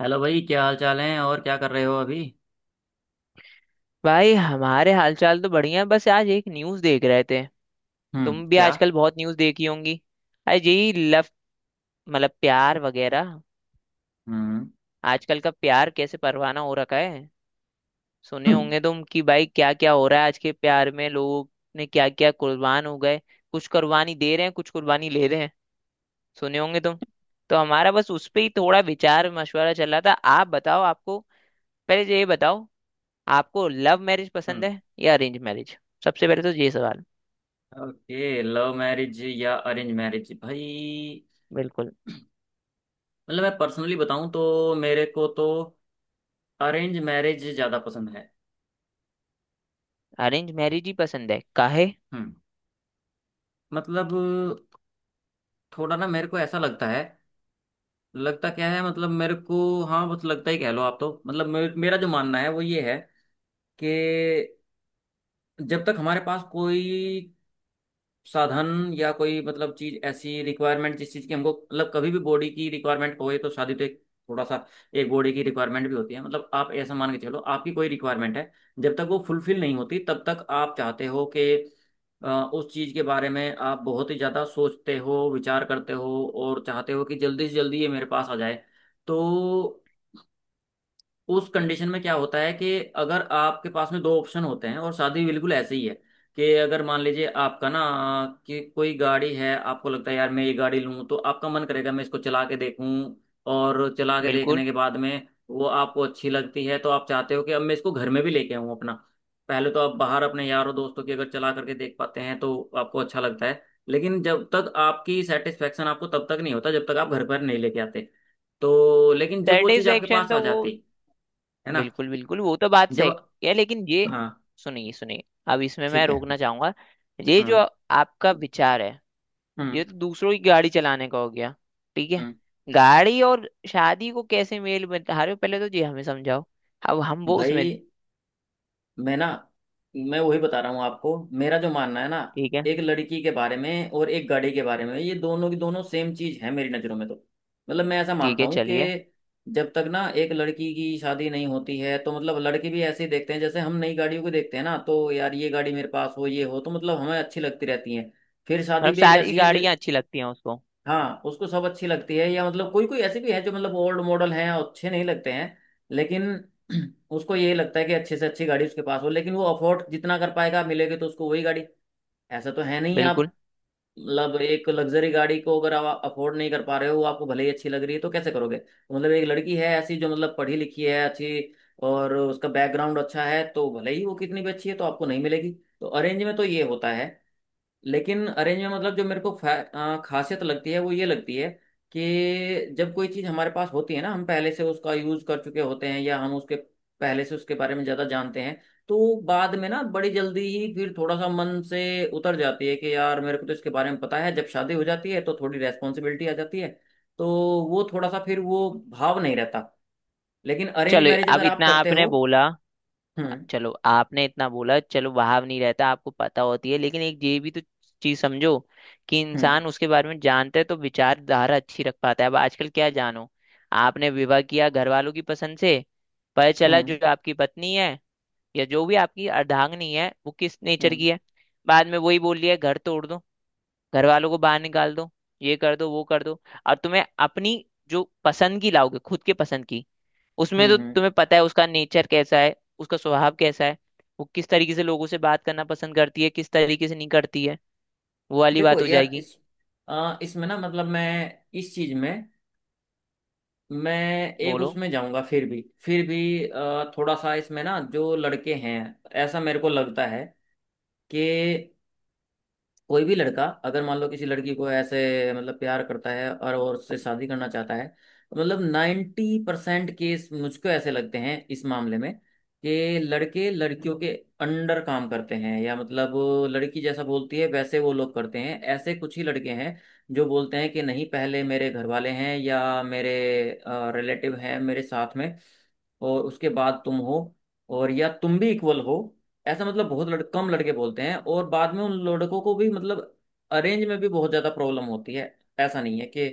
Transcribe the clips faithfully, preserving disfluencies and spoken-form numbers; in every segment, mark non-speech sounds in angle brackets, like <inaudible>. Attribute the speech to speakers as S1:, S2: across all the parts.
S1: Hello भाई क्या हाल चाल है? और क्या कर रहे हो अभी?
S2: भाई हमारे हालचाल तो बढ़िया है, बस आज एक न्यूज़ देख रहे थे।
S1: हम्म।
S2: तुम भी
S1: क्या?
S2: आजकल बहुत न्यूज़ देखी होंगी। आज यही लव, मतलब प्यार वगैरह।
S1: हम्म।
S2: आजकल का प्यार कैसे परवाना हो रखा है। सुने
S1: हम्म।
S2: होंगे तुम कि भाई क्या क्या हो रहा है, आज के प्यार में लोग ने क्या क्या कुर्बान हो गए। कुछ कुर्बानी दे रहे हैं, कुछ कुर्बानी ले रहे हैं। सुने होंगे तुम। तो हमारा बस उस पे ही थोड़ा विचार मशवरा चल रहा था। आप बताओ, आपको पहले तो ये बताओ, आपको लव मैरिज पसंद है या अरेंज मैरिज? सबसे पहले तो ये सवाल।
S1: ओके, लव मैरिज या अरेंज मैरिज भाई?
S2: बिल्कुल।
S1: मतलब मैं पर्सनली बताऊं तो मेरे को तो अरेंज मैरिज ज़्यादा पसंद है।
S2: अरेंज मैरिज ही पसंद है? काहे?
S1: हम्म। मतलब थोड़ा ना मेरे को ऐसा लगता है। लगता क्या है मतलब मेरे को, हाँ बस लगता ही कह लो आप तो। मतलब मे- मेरा जो मानना है वो ये है कि जब तक हमारे पास कोई साधन या कोई मतलब चीज ऐसी रिक्वायरमेंट, जिस चीज की हमको मतलब कभी भी बॉडी की रिक्वायरमेंट होए, तो शादी तो एक थोड़ा सा एक बॉडी की रिक्वायरमेंट भी होती है। मतलब आप ऐसा मान के चलो आपकी कोई रिक्वायरमेंट है। जब तक वो फुलफिल नहीं होती तब तक आप चाहते हो कि अ, उस चीज के बारे में आप बहुत ही ज्यादा सोचते हो, विचार करते हो, और चाहते हो कि जल्दी से जल्दी ये मेरे पास आ जाए। तो उस कंडीशन में क्या होता है कि अगर आपके पास में दो ऑप्शन होते हैं, और शादी भी बिल्कुल ऐसे ही है कि अगर मान लीजिए आपका ना कि कोई गाड़ी है, आपको लगता है यार मैं ये गाड़ी लूं, तो आपका मन करेगा मैं इसको चला के देखूं। और चला के
S2: बिल्कुल।
S1: देखने के बाद में वो आपको अच्छी लगती है तो आप चाहते हो कि अब मैं इसको घर में भी लेके आऊं अपना। पहले तो आप बाहर अपने यारों दोस्तों की अगर चला करके देख पाते हैं तो आपको अच्छा लगता है। लेकिन जब तक आपकी सेटिस्फेक्शन, आपको तब तक नहीं होता जब तक आप घर पर नहीं लेके आते। तो लेकिन जब वो चीज़ आपके
S2: सेटिस्फेक्शन
S1: पास आ
S2: तो वो।
S1: जाती है ना,
S2: बिल्कुल बिल्कुल, वो तो बात
S1: जब,
S2: सही है, लेकिन ये
S1: हाँ।
S2: सुनिए सुनिए, अब इसमें मैं
S1: ठीक है।
S2: रोकना चाहूंगा। ये जो
S1: हम्म।
S2: आपका विचार है,
S1: हम्म।
S2: ये तो दूसरों की गाड़ी चलाने का हो गया। ठीक है।
S1: हम्म।
S2: गाड़ी और शादी को कैसे मेल बता रहे हो, पहले तो ये हमें समझाओ। अब हम वो
S1: भाई
S2: उसमें।
S1: मैं ना, मैं वही बता रहा हूँ आपको, मेरा जो मानना है ना।
S2: ठीक है।
S1: एक लड़की के बारे में और एक गाड़ी के बारे में, ये दोनों की दोनों सेम चीज है मेरी नज़रों में। तो मतलब मैं ऐसा
S2: ठीक
S1: मानता
S2: है
S1: हूँ
S2: चलिए।
S1: कि जब तक ना एक लड़की की शादी नहीं होती है, तो मतलब लड़के भी ऐसे ही देखते हैं जैसे हम नई गाड़ियों को देखते हैं ना, तो यार ये गाड़ी मेरे पास हो, ये हो, तो मतलब हमें अच्छी लगती रहती है। फिर शादी
S2: मतलब
S1: भी एक
S2: सारी
S1: ऐसी है जो,
S2: गाड़ियां अच्छी लगती हैं उसको?
S1: हाँ उसको सब अच्छी लगती है, या मतलब कोई कोई ऐसे भी है जो मतलब ओल्ड मॉडल हैं और अच्छे नहीं लगते हैं। लेकिन <clears throat> उसको यही लगता है कि अच्छे से अच्छी गाड़ी उसके पास हो, लेकिन वो अफोर्ड जितना कर पाएगा मिलेगी तो उसको वही गाड़ी। ऐसा तो है नहीं आप।
S2: बिल्कुल।
S1: मतलब एक लग्जरी गाड़ी को अगर आप अफोर्ड नहीं कर पा रहे हो, वो आपको भले ही अच्छी लग रही है, तो कैसे करोगे। तो मतलब एक लड़की है ऐसी जो मतलब पढ़ी लिखी है, अच्छी, और उसका बैकग्राउंड अच्छा है, तो भले ही वो कितनी भी अच्छी है तो आपको नहीं मिलेगी। तो अरेंज में तो ये होता है। लेकिन अरेंज में मतलब जो मेरे को फै- अ, खासियत लगती है वो ये लगती है कि जब कोई चीज़ हमारे पास होती है ना, हम पहले से उसका यूज़ कर चुके होते हैं, या हम उसके पहले से उसके बारे में ज़्यादा जानते हैं, तो बाद में ना बड़ी जल्दी ही फिर थोड़ा सा मन से उतर जाती है कि यार मेरे को तो इसके बारे में पता है। जब शादी हो जाती है तो थोड़ी रेस्पॉन्सिबिलिटी आ जाती है, तो वो थोड़ा सा फिर वो भाव नहीं रहता। लेकिन अरेंज
S2: चलो
S1: मैरिज
S2: अब
S1: अगर आप
S2: इतना
S1: करते
S2: आपने
S1: हो।
S2: बोला,
S1: हम्म।
S2: चलो आपने इतना बोला, चलो भाव नहीं रहता, आपको पता होती है, लेकिन एक ये भी तो चीज समझो कि
S1: हम्म।
S2: इंसान उसके बारे में जानता है तो विचारधारा अच्छी रख पाता है। अब आजकल क्या जानो, आपने विवाह किया घर वालों की पसंद से, पता चला
S1: हम्म।
S2: जो आपकी पत्नी है या जो भी आपकी अर्धांगिनी है वो किस नेचर
S1: हम्म।
S2: की है। बाद में वही बोल लिया, घर तोड़ दो, घर वालों को बाहर निकाल दो, ये कर दो वो कर दो। और तुम्हें अपनी जो पसंद की लाओगे, खुद के पसंद की, उसमें
S1: हम्म।
S2: तो
S1: हम्म।
S2: तुम्हें पता है उसका नेचर कैसा है, उसका स्वभाव कैसा है, वो किस तरीके से लोगों से बात करना पसंद करती है, किस तरीके से नहीं करती है। वो वाली
S1: देखो
S2: बात हो
S1: यार
S2: जाएगी।
S1: इस, अ, इसमें ना मतलब मैं इस चीज में, मैं एक
S2: बोलो।
S1: उसमें जाऊंगा। फिर भी फिर भी अ, थोड़ा सा इसमें ना जो लड़के हैं, ऐसा मेरे को लगता है कि कोई भी लड़का अगर मान लो किसी लड़की को ऐसे मतलब प्यार करता है और वो उससे शादी करना चाहता है, मतलब नाइन्टी परसेंट केस मुझको ऐसे लगते हैं इस मामले में कि लड़के लड़कियों के अंडर काम करते हैं, या मतलब लड़की जैसा बोलती है वैसे वो लोग करते हैं। ऐसे कुछ ही लड़के हैं जो बोलते हैं कि नहीं, पहले मेरे घर वाले हैं या मेरे रिलेटिव हैं मेरे साथ में, और उसके बाद तुम हो, और या तुम भी इक्वल हो। ऐसा मतलब बहुत लड़, कम लड़के बोलते हैं। और बाद में उन लड़कों को भी मतलब अरेंज में भी बहुत ज्यादा प्रॉब्लम होती है। ऐसा नहीं है कि,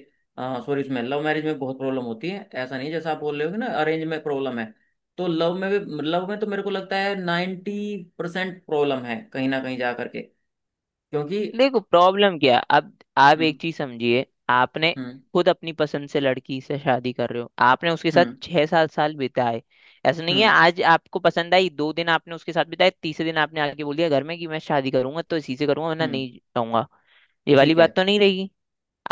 S1: सॉरी, इसमें लव मैरिज में बहुत प्रॉब्लम होती है, ऐसा नहीं है जैसा आप बोल रहे हो कि ना अरेंज में प्रॉब्लम है। तो लव में भी, लव में तो मेरे को लगता है नाइन्टी परसेंट प्रॉब्लम है कहीं ना कहीं जा करके, क्योंकि।
S2: देखो प्रॉब्लम क्या है? अब आप
S1: हम्म।
S2: एक चीज समझिए। आपने
S1: हम्म।
S2: खुद अपनी पसंद से लड़की से शादी कर रहे हो, आपने उसके साथ
S1: हम्म।
S2: छह सात साल बिताए। ऐसा नहीं है
S1: हम्म।
S2: आज आपको पसंद आई, दो दिन आपने उसके साथ बिताए, तीसरे दिन आपने आके बोल दिया घर में कि मैं शादी करूंगा तो इसी से करूंगा, वरना
S1: हम्म।
S2: नहीं रहूंगा। ये वाली
S1: ठीक
S2: बात
S1: है।
S2: तो नहीं रहेगी।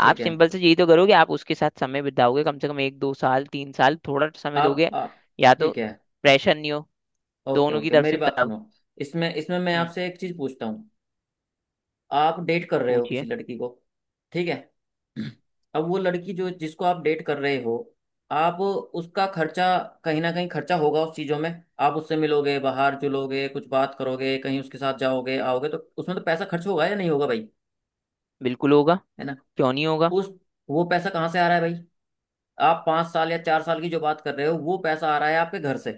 S2: आप
S1: है।
S2: सिंपल से यही तो करोगे, आप उसके साथ समय बिताओगे, कम से कम एक दो साल तीन साल थोड़ा समय
S1: आप,
S2: दोगे,
S1: आप।
S2: या तो
S1: ठीक है।
S2: प्रेशर नहीं हो
S1: ओके
S2: दोनों की
S1: ओके,
S2: तरफ
S1: मेरी
S2: से
S1: बात
S2: तब।
S1: सुनो। इसमें इसमें मैं
S2: हम्म।
S1: आपसे एक चीज पूछता हूँ। आप डेट कर रहे हो
S2: पूछिए।
S1: किसी लड़की को? ठीक है। अब वो लड़की जो, जिसको आप डेट कर रहे हो, आप उसका खर्चा, कहीं ना कहीं खर्चा होगा उस चीज़ों में। आप उससे मिलोगे, बाहर जुलोगे, कुछ बात करोगे, कहीं उसके साथ जाओगे आओगे, तो उसमें तो पैसा खर्च होगा या नहीं होगा भाई?
S2: बिल्कुल होगा,
S1: है ना?
S2: क्यों नहीं होगा।
S1: उस, वो पैसा कहाँ से आ रहा है भाई? आप पाँच साल या चार साल की जो बात कर रहे हो, वो पैसा आ रहा है आपके घर से।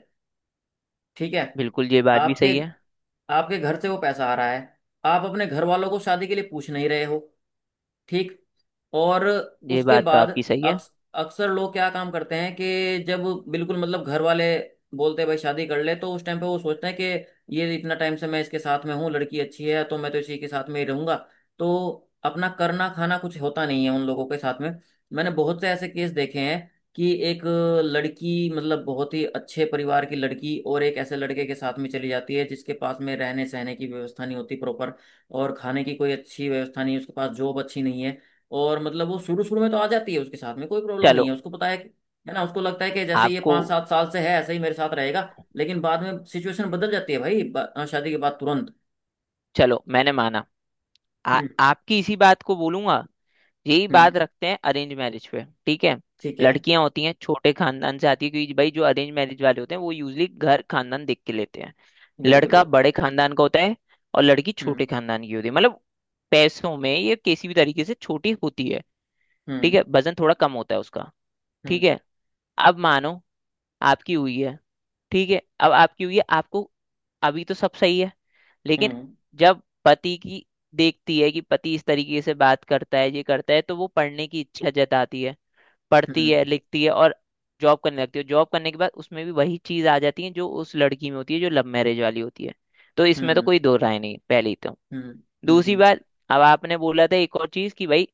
S1: ठीक है।
S2: बिल्कुल, ये बात भी
S1: आपके
S2: सही है।
S1: आपके घर से वो पैसा आ रहा है। आप अपने घर वालों को शादी के लिए पूछ नहीं रहे हो। ठीक। और
S2: ये
S1: उसके
S2: बात तो
S1: बाद
S2: आपकी सही है।
S1: अक्स, अक्सर लोग क्या काम करते हैं कि जब, बिल्कुल, मतलब घर वाले बोलते हैं भाई शादी कर ले, तो उस टाइम पे वो सोचते हैं कि ये इतना टाइम से मैं इसके साथ में हूँ, लड़की अच्छी है, तो मैं तो इसी के साथ में ही रहूंगा। तो अपना करना खाना कुछ होता नहीं है उन लोगों के साथ में। मैंने बहुत से ऐसे केस देखे हैं कि एक लड़की, मतलब बहुत ही अच्छे परिवार की लड़की, और एक ऐसे लड़के के साथ में चली जाती है जिसके पास में रहने सहने की व्यवस्था नहीं होती प्रॉपर, और खाने की कोई अच्छी व्यवस्था नहीं है, उसके पास जॉब अच्छी नहीं है। और मतलब वो शुरू शुरू में तो आ जाती है उसके साथ में, कोई प्रॉब्लम नहीं
S2: चलो
S1: है, उसको पता है कि, है ना, उसको लगता है कि जैसे ये
S2: आपको,
S1: पाँच सात साल से है ऐसे ही मेरे साथ रहेगा। लेकिन बाद में सिचुएशन बदल जाती है भाई, बा- अ, शादी के बाद तुरंत।
S2: चलो मैंने माना, आ,
S1: हम्म।
S2: आपकी इसी बात को बोलूंगा, यही
S1: हम्म।
S2: बात रखते हैं अरेंज मैरिज पे, ठीक है।
S1: ठीक है।
S2: लड़कियां होती हैं छोटे खानदान से आती है, क्योंकि भाई जो अरेंज मैरिज वाले होते हैं वो यूजली घर खानदान देख के लेते हैं।
S1: बिल्कुल
S2: लड़का
S1: बिल्कुल।
S2: बड़े खानदान का होता है और लड़की छोटे
S1: हम्म।
S2: खानदान की होती है, मतलब पैसों में ये किसी भी तरीके से छोटी होती है। ठीक
S1: हम्म।
S2: है, वजन थोड़ा कम होता है उसका।
S1: हम्म।
S2: ठीक है, अब मानो आपकी हुई है। ठीक है, अब आपकी हुई है, आपको अभी तो सब सही है, लेकिन
S1: हम्म।
S2: जब पति की देखती है कि पति इस तरीके से बात करता है, ये करता है, तो वो पढ़ने की इच्छा जताती है, पढ़ती
S1: हम्म।
S2: है, लिखती है और जॉब करने लगती है। जॉब करने के बाद उसमें भी वही चीज आ जाती है जो उस लड़की में होती है जो लव मैरिज वाली होती है। तो इसमें तो
S1: हम्म।
S2: कोई दो राय नहीं है, पहली तो।
S1: हम्म। हम्म।
S2: दूसरी
S1: हम्म।
S2: बात, अब आपने बोला था एक और चीज कि भाई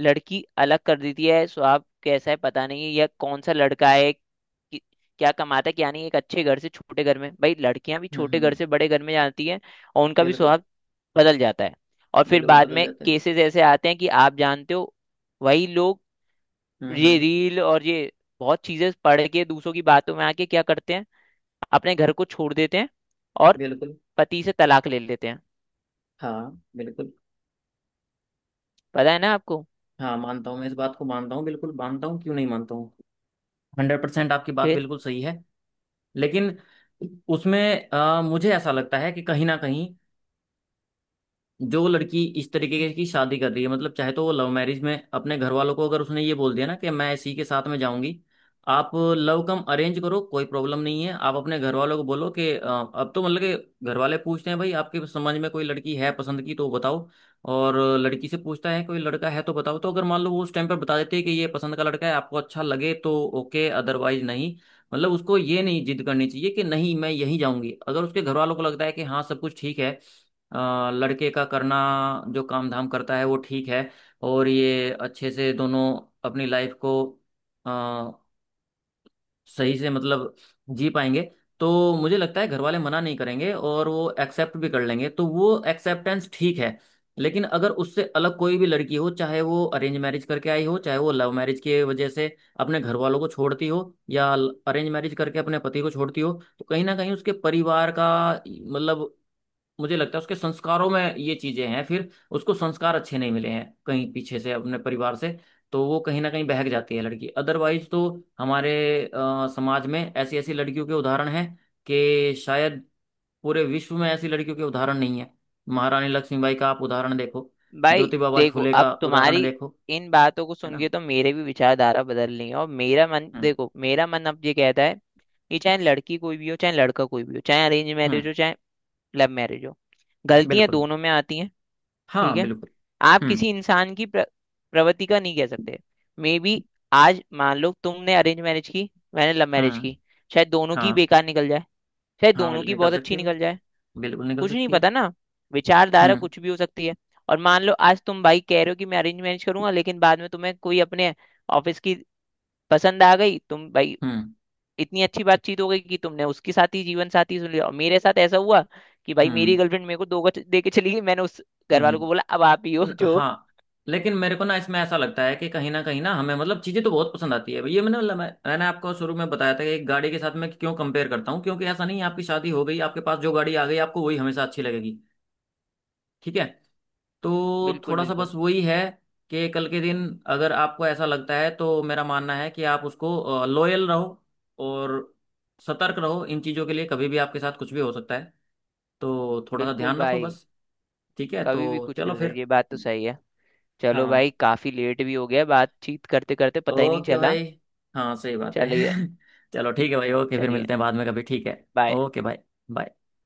S2: लड़की अलग कर देती है, स्वभाव कैसा है पता नहीं है, या कौन सा लड़का है, कि- क्या कमाता है क्या नहीं, एक अच्छे घर से छोटे घर में। भाई लड़कियां भी
S1: हम्म।
S2: छोटे घर
S1: हम्म।
S2: से बड़े घर में जाती हैं और उनका भी
S1: बिल्कुल,
S2: स्वभाव बदल जाता है, और फिर
S1: बिल्कुल
S2: बाद
S1: बदल
S2: में
S1: जाते हैं।
S2: केसेस ऐसे आते हैं कि आप जानते हो, वही लोग
S1: हम्म।
S2: ये
S1: हम्म।
S2: रील और ये बहुत चीजें पढ़ के, दूसरों की बातों में आके क्या करते हैं, अपने घर को छोड़ देते हैं और
S1: बिल्कुल।
S2: पति से तलाक ले लेते हैं।
S1: हाँ बिल्कुल।
S2: पता है ना आपको?
S1: हाँ, मानता हूँ मैं इस बात को, मानता हूँ, बिल्कुल मानता हूँ, क्यों नहीं मानता हूँ। हंड्रेड परसेंट आपकी बात
S2: फिर
S1: बिल्कुल सही है। लेकिन उसमें अ, मुझे ऐसा लगता है कि कहीं ना कहीं जो लड़की इस तरीके की शादी कर रही है, मतलब चाहे तो वो लव मैरिज में अपने घर वालों को अगर उसने ये बोल दिया ना कि मैं इसी के साथ में जाऊंगी। आप लव कम अरेंज करो, कोई प्रॉब्लम नहीं है, आप अपने घर वालों को बोलो कि अ, अब तो मतलब कि घर वाले पूछते हैं भाई आपके समझ में कोई लड़की है पसंद की तो बताओ, और लड़की से पूछता है कोई लड़का है तो बताओ। तो अगर मान लो वो उस टाइम पर बता देते हैं कि ये पसंद का लड़का है, आपको अच्छा लगे तो ओके, अदरवाइज नहीं। मतलब उसको ये नहीं जिद करनी चाहिए कि नहीं मैं यहीं जाऊंगी। अगर उसके घर वालों को लगता है कि हाँ सब कुछ ठीक है, अ, लड़के का करना जो काम धाम करता है वो ठीक है, और ये अच्छे से दोनों अपनी लाइफ को अ, सही से मतलब जी पाएंगे, तो मुझे लगता है घर वाले मना नहीं करेंगे और वो एक्सेप्ट भी कर लेंगे, तो वो एक्सेप्टेंस ठीक है। लेकिन अगर उससे अलग कोई भी लड़की हो, चाहे वो अरेंज मैरिज करके आई हो, चाहे वो लव मैरिज की वजह से अपने घर वालों को छोड़ती हो, या अरेंज मैरिज करके अपने पति को छोड़ती हो, तो कहीं ना कहीं उसके परिवार का मतलब, मुझे लगता है उसके संस्कारों में ये चीजें हैं, फिर उसको संस्कार अच्छे नहीं मिले हैं कहीं पीछे से अपने परिवार से, तो वो कहीं ना कहीं बहक जाती है लड़की। अदरवाइज तो हमारे अ, समाज में ऐसी ऐसी लड़कियों के उदाहरण हैं कि शायद पूरे विश्व में ऐसी लड़कियों के उदाहरण नहीं है। महारानी लक्ष्मीबाई का आप उदाहरण देखो,
S2: भाई
S1: ज्योतिबा बाई
S2: देखो,
S1: फुले
S2: अब
S1: का उदाहरण
S2: तुम्हारी
S1: देखो।
S2: इन बातों को
S1: है
S2: सुन
S1: ना?
S2: के तो मेरे भी विचारधारा बदल रही है, और मेरा मन
S1: हम्म।
S2: देखो, मेरा मन अब ये कहता है कि चाहे लड़की कोई भी हो, चाहे लड़का कोई भी हो, चाहे अरेंज मैरिज
S1: हम्म।
S2: हो चाहे लव मैरिज हो, गलतियां
S1: बिल्कुल।
S2: दोनों में आती हैं।
S1: हाँ
S2: ठीक है।
S1: बिल्कुल।
S2: आप
S1: हम्म।
S2: किसी इंसान की प्र, प्रवृत्ति का नहीं कह सकते। मे बी आज मान लो तुमने अरेंज मैरिज की, मैंने लव मैरिज
S1: हम्म।
S2: की, शायद दोनों की
S1: हाँ।
S2: बेकार निकल जाए, शायद
S1: हाँ
S2: दोनों
S1: बिल्कुल
S2: की
S1: निकल
S2: बहुत
S1: सकती
S2: अच्छी
S1: है,
S2: निकल जाए।
S1: बिल्कुल निकल
S2: कुछ नहीं
S1: सकती है।
S2: पता ना, विचारधारा
S1: हम्म।
S2: कुछ भी हो सकती है। और मान लो आज तुम भाई कह रहे हो कि मैं अरेंज मैरिज करूंगा, लेकिन बाद में तुम्हें कोई अपने ऑफिस की पसंद आ गई, तुम भाई
S1: हम्म।
S2: इतनी अच्छी बातचीत हो गई कि तुमने उसके साथ ही जीवन साथी सुन लिया, और मेरे साथ ऐसा हुआ कि भाई मेरी
S1: हम्म।
S2: गर्लफ्रेंड मेरे को दो गज दे के चली गई, मैंने उस घर वालों
S1: हम्म।
S2: को बोला अब आप ही हो
S1: न-
S2: जो।
S1: हाँ, लेकिन मेरे को ना इसमें ऐसा लगता है कि कहीं ना कहीं ना, हमें मतलब चीजें तो बहुत पसंद आती है, ये मैंने मतलब मैं- मैंने आपको शुरू में बताया था कि एक गाड़ी के साथ मैं क्यों कंपेयर करता हूँ, क्योंकि ऐसा नहीं है आपकी शादी हो गई, आपके पास जो गाड़ी आ गई, आपको वही हमेशा अच्छी लगेगी। ठीक है। तो
S2: बिल्कुल
S1: थोड़ा सा बस
S2: बिल्कुल।
S1: वही है कि कल के दिन अगर आपको ऐसा लगता है, तो मेरा मानना है कि आप उसको लॉयल रहो और सतर्क रहो इन चीजों के लिए, कभी भी आपके साथ कुछ भी हो सकता है, तो थोड़ा सा
S2: बिल्कुल
S1: ध्यान रखो
S2: भाई।
S1: बस। ठीक है,
S2: कभी भी
S1: तो
S2: कुछ भी
S1: चलो
S2: हो सकता है,
S1: फिर।
S2: ये बात तो सही है। चलो
S1: हाँ।
S2: भाई, काफी लेट भी हो गया, बातचीत करते करते पता ही नहीं
S1: ओके
S2: चला।
S1: भाई। हाँ, सही बात है।
S2: चलिए।
S1: <laughs> चलो ठीक है भाई, ओके, फिर
S2: चलिए।
S1: मिलते हैं बाद में कभी, ठीक है।
S2: बाय।
S1: ओके भाई। बाय।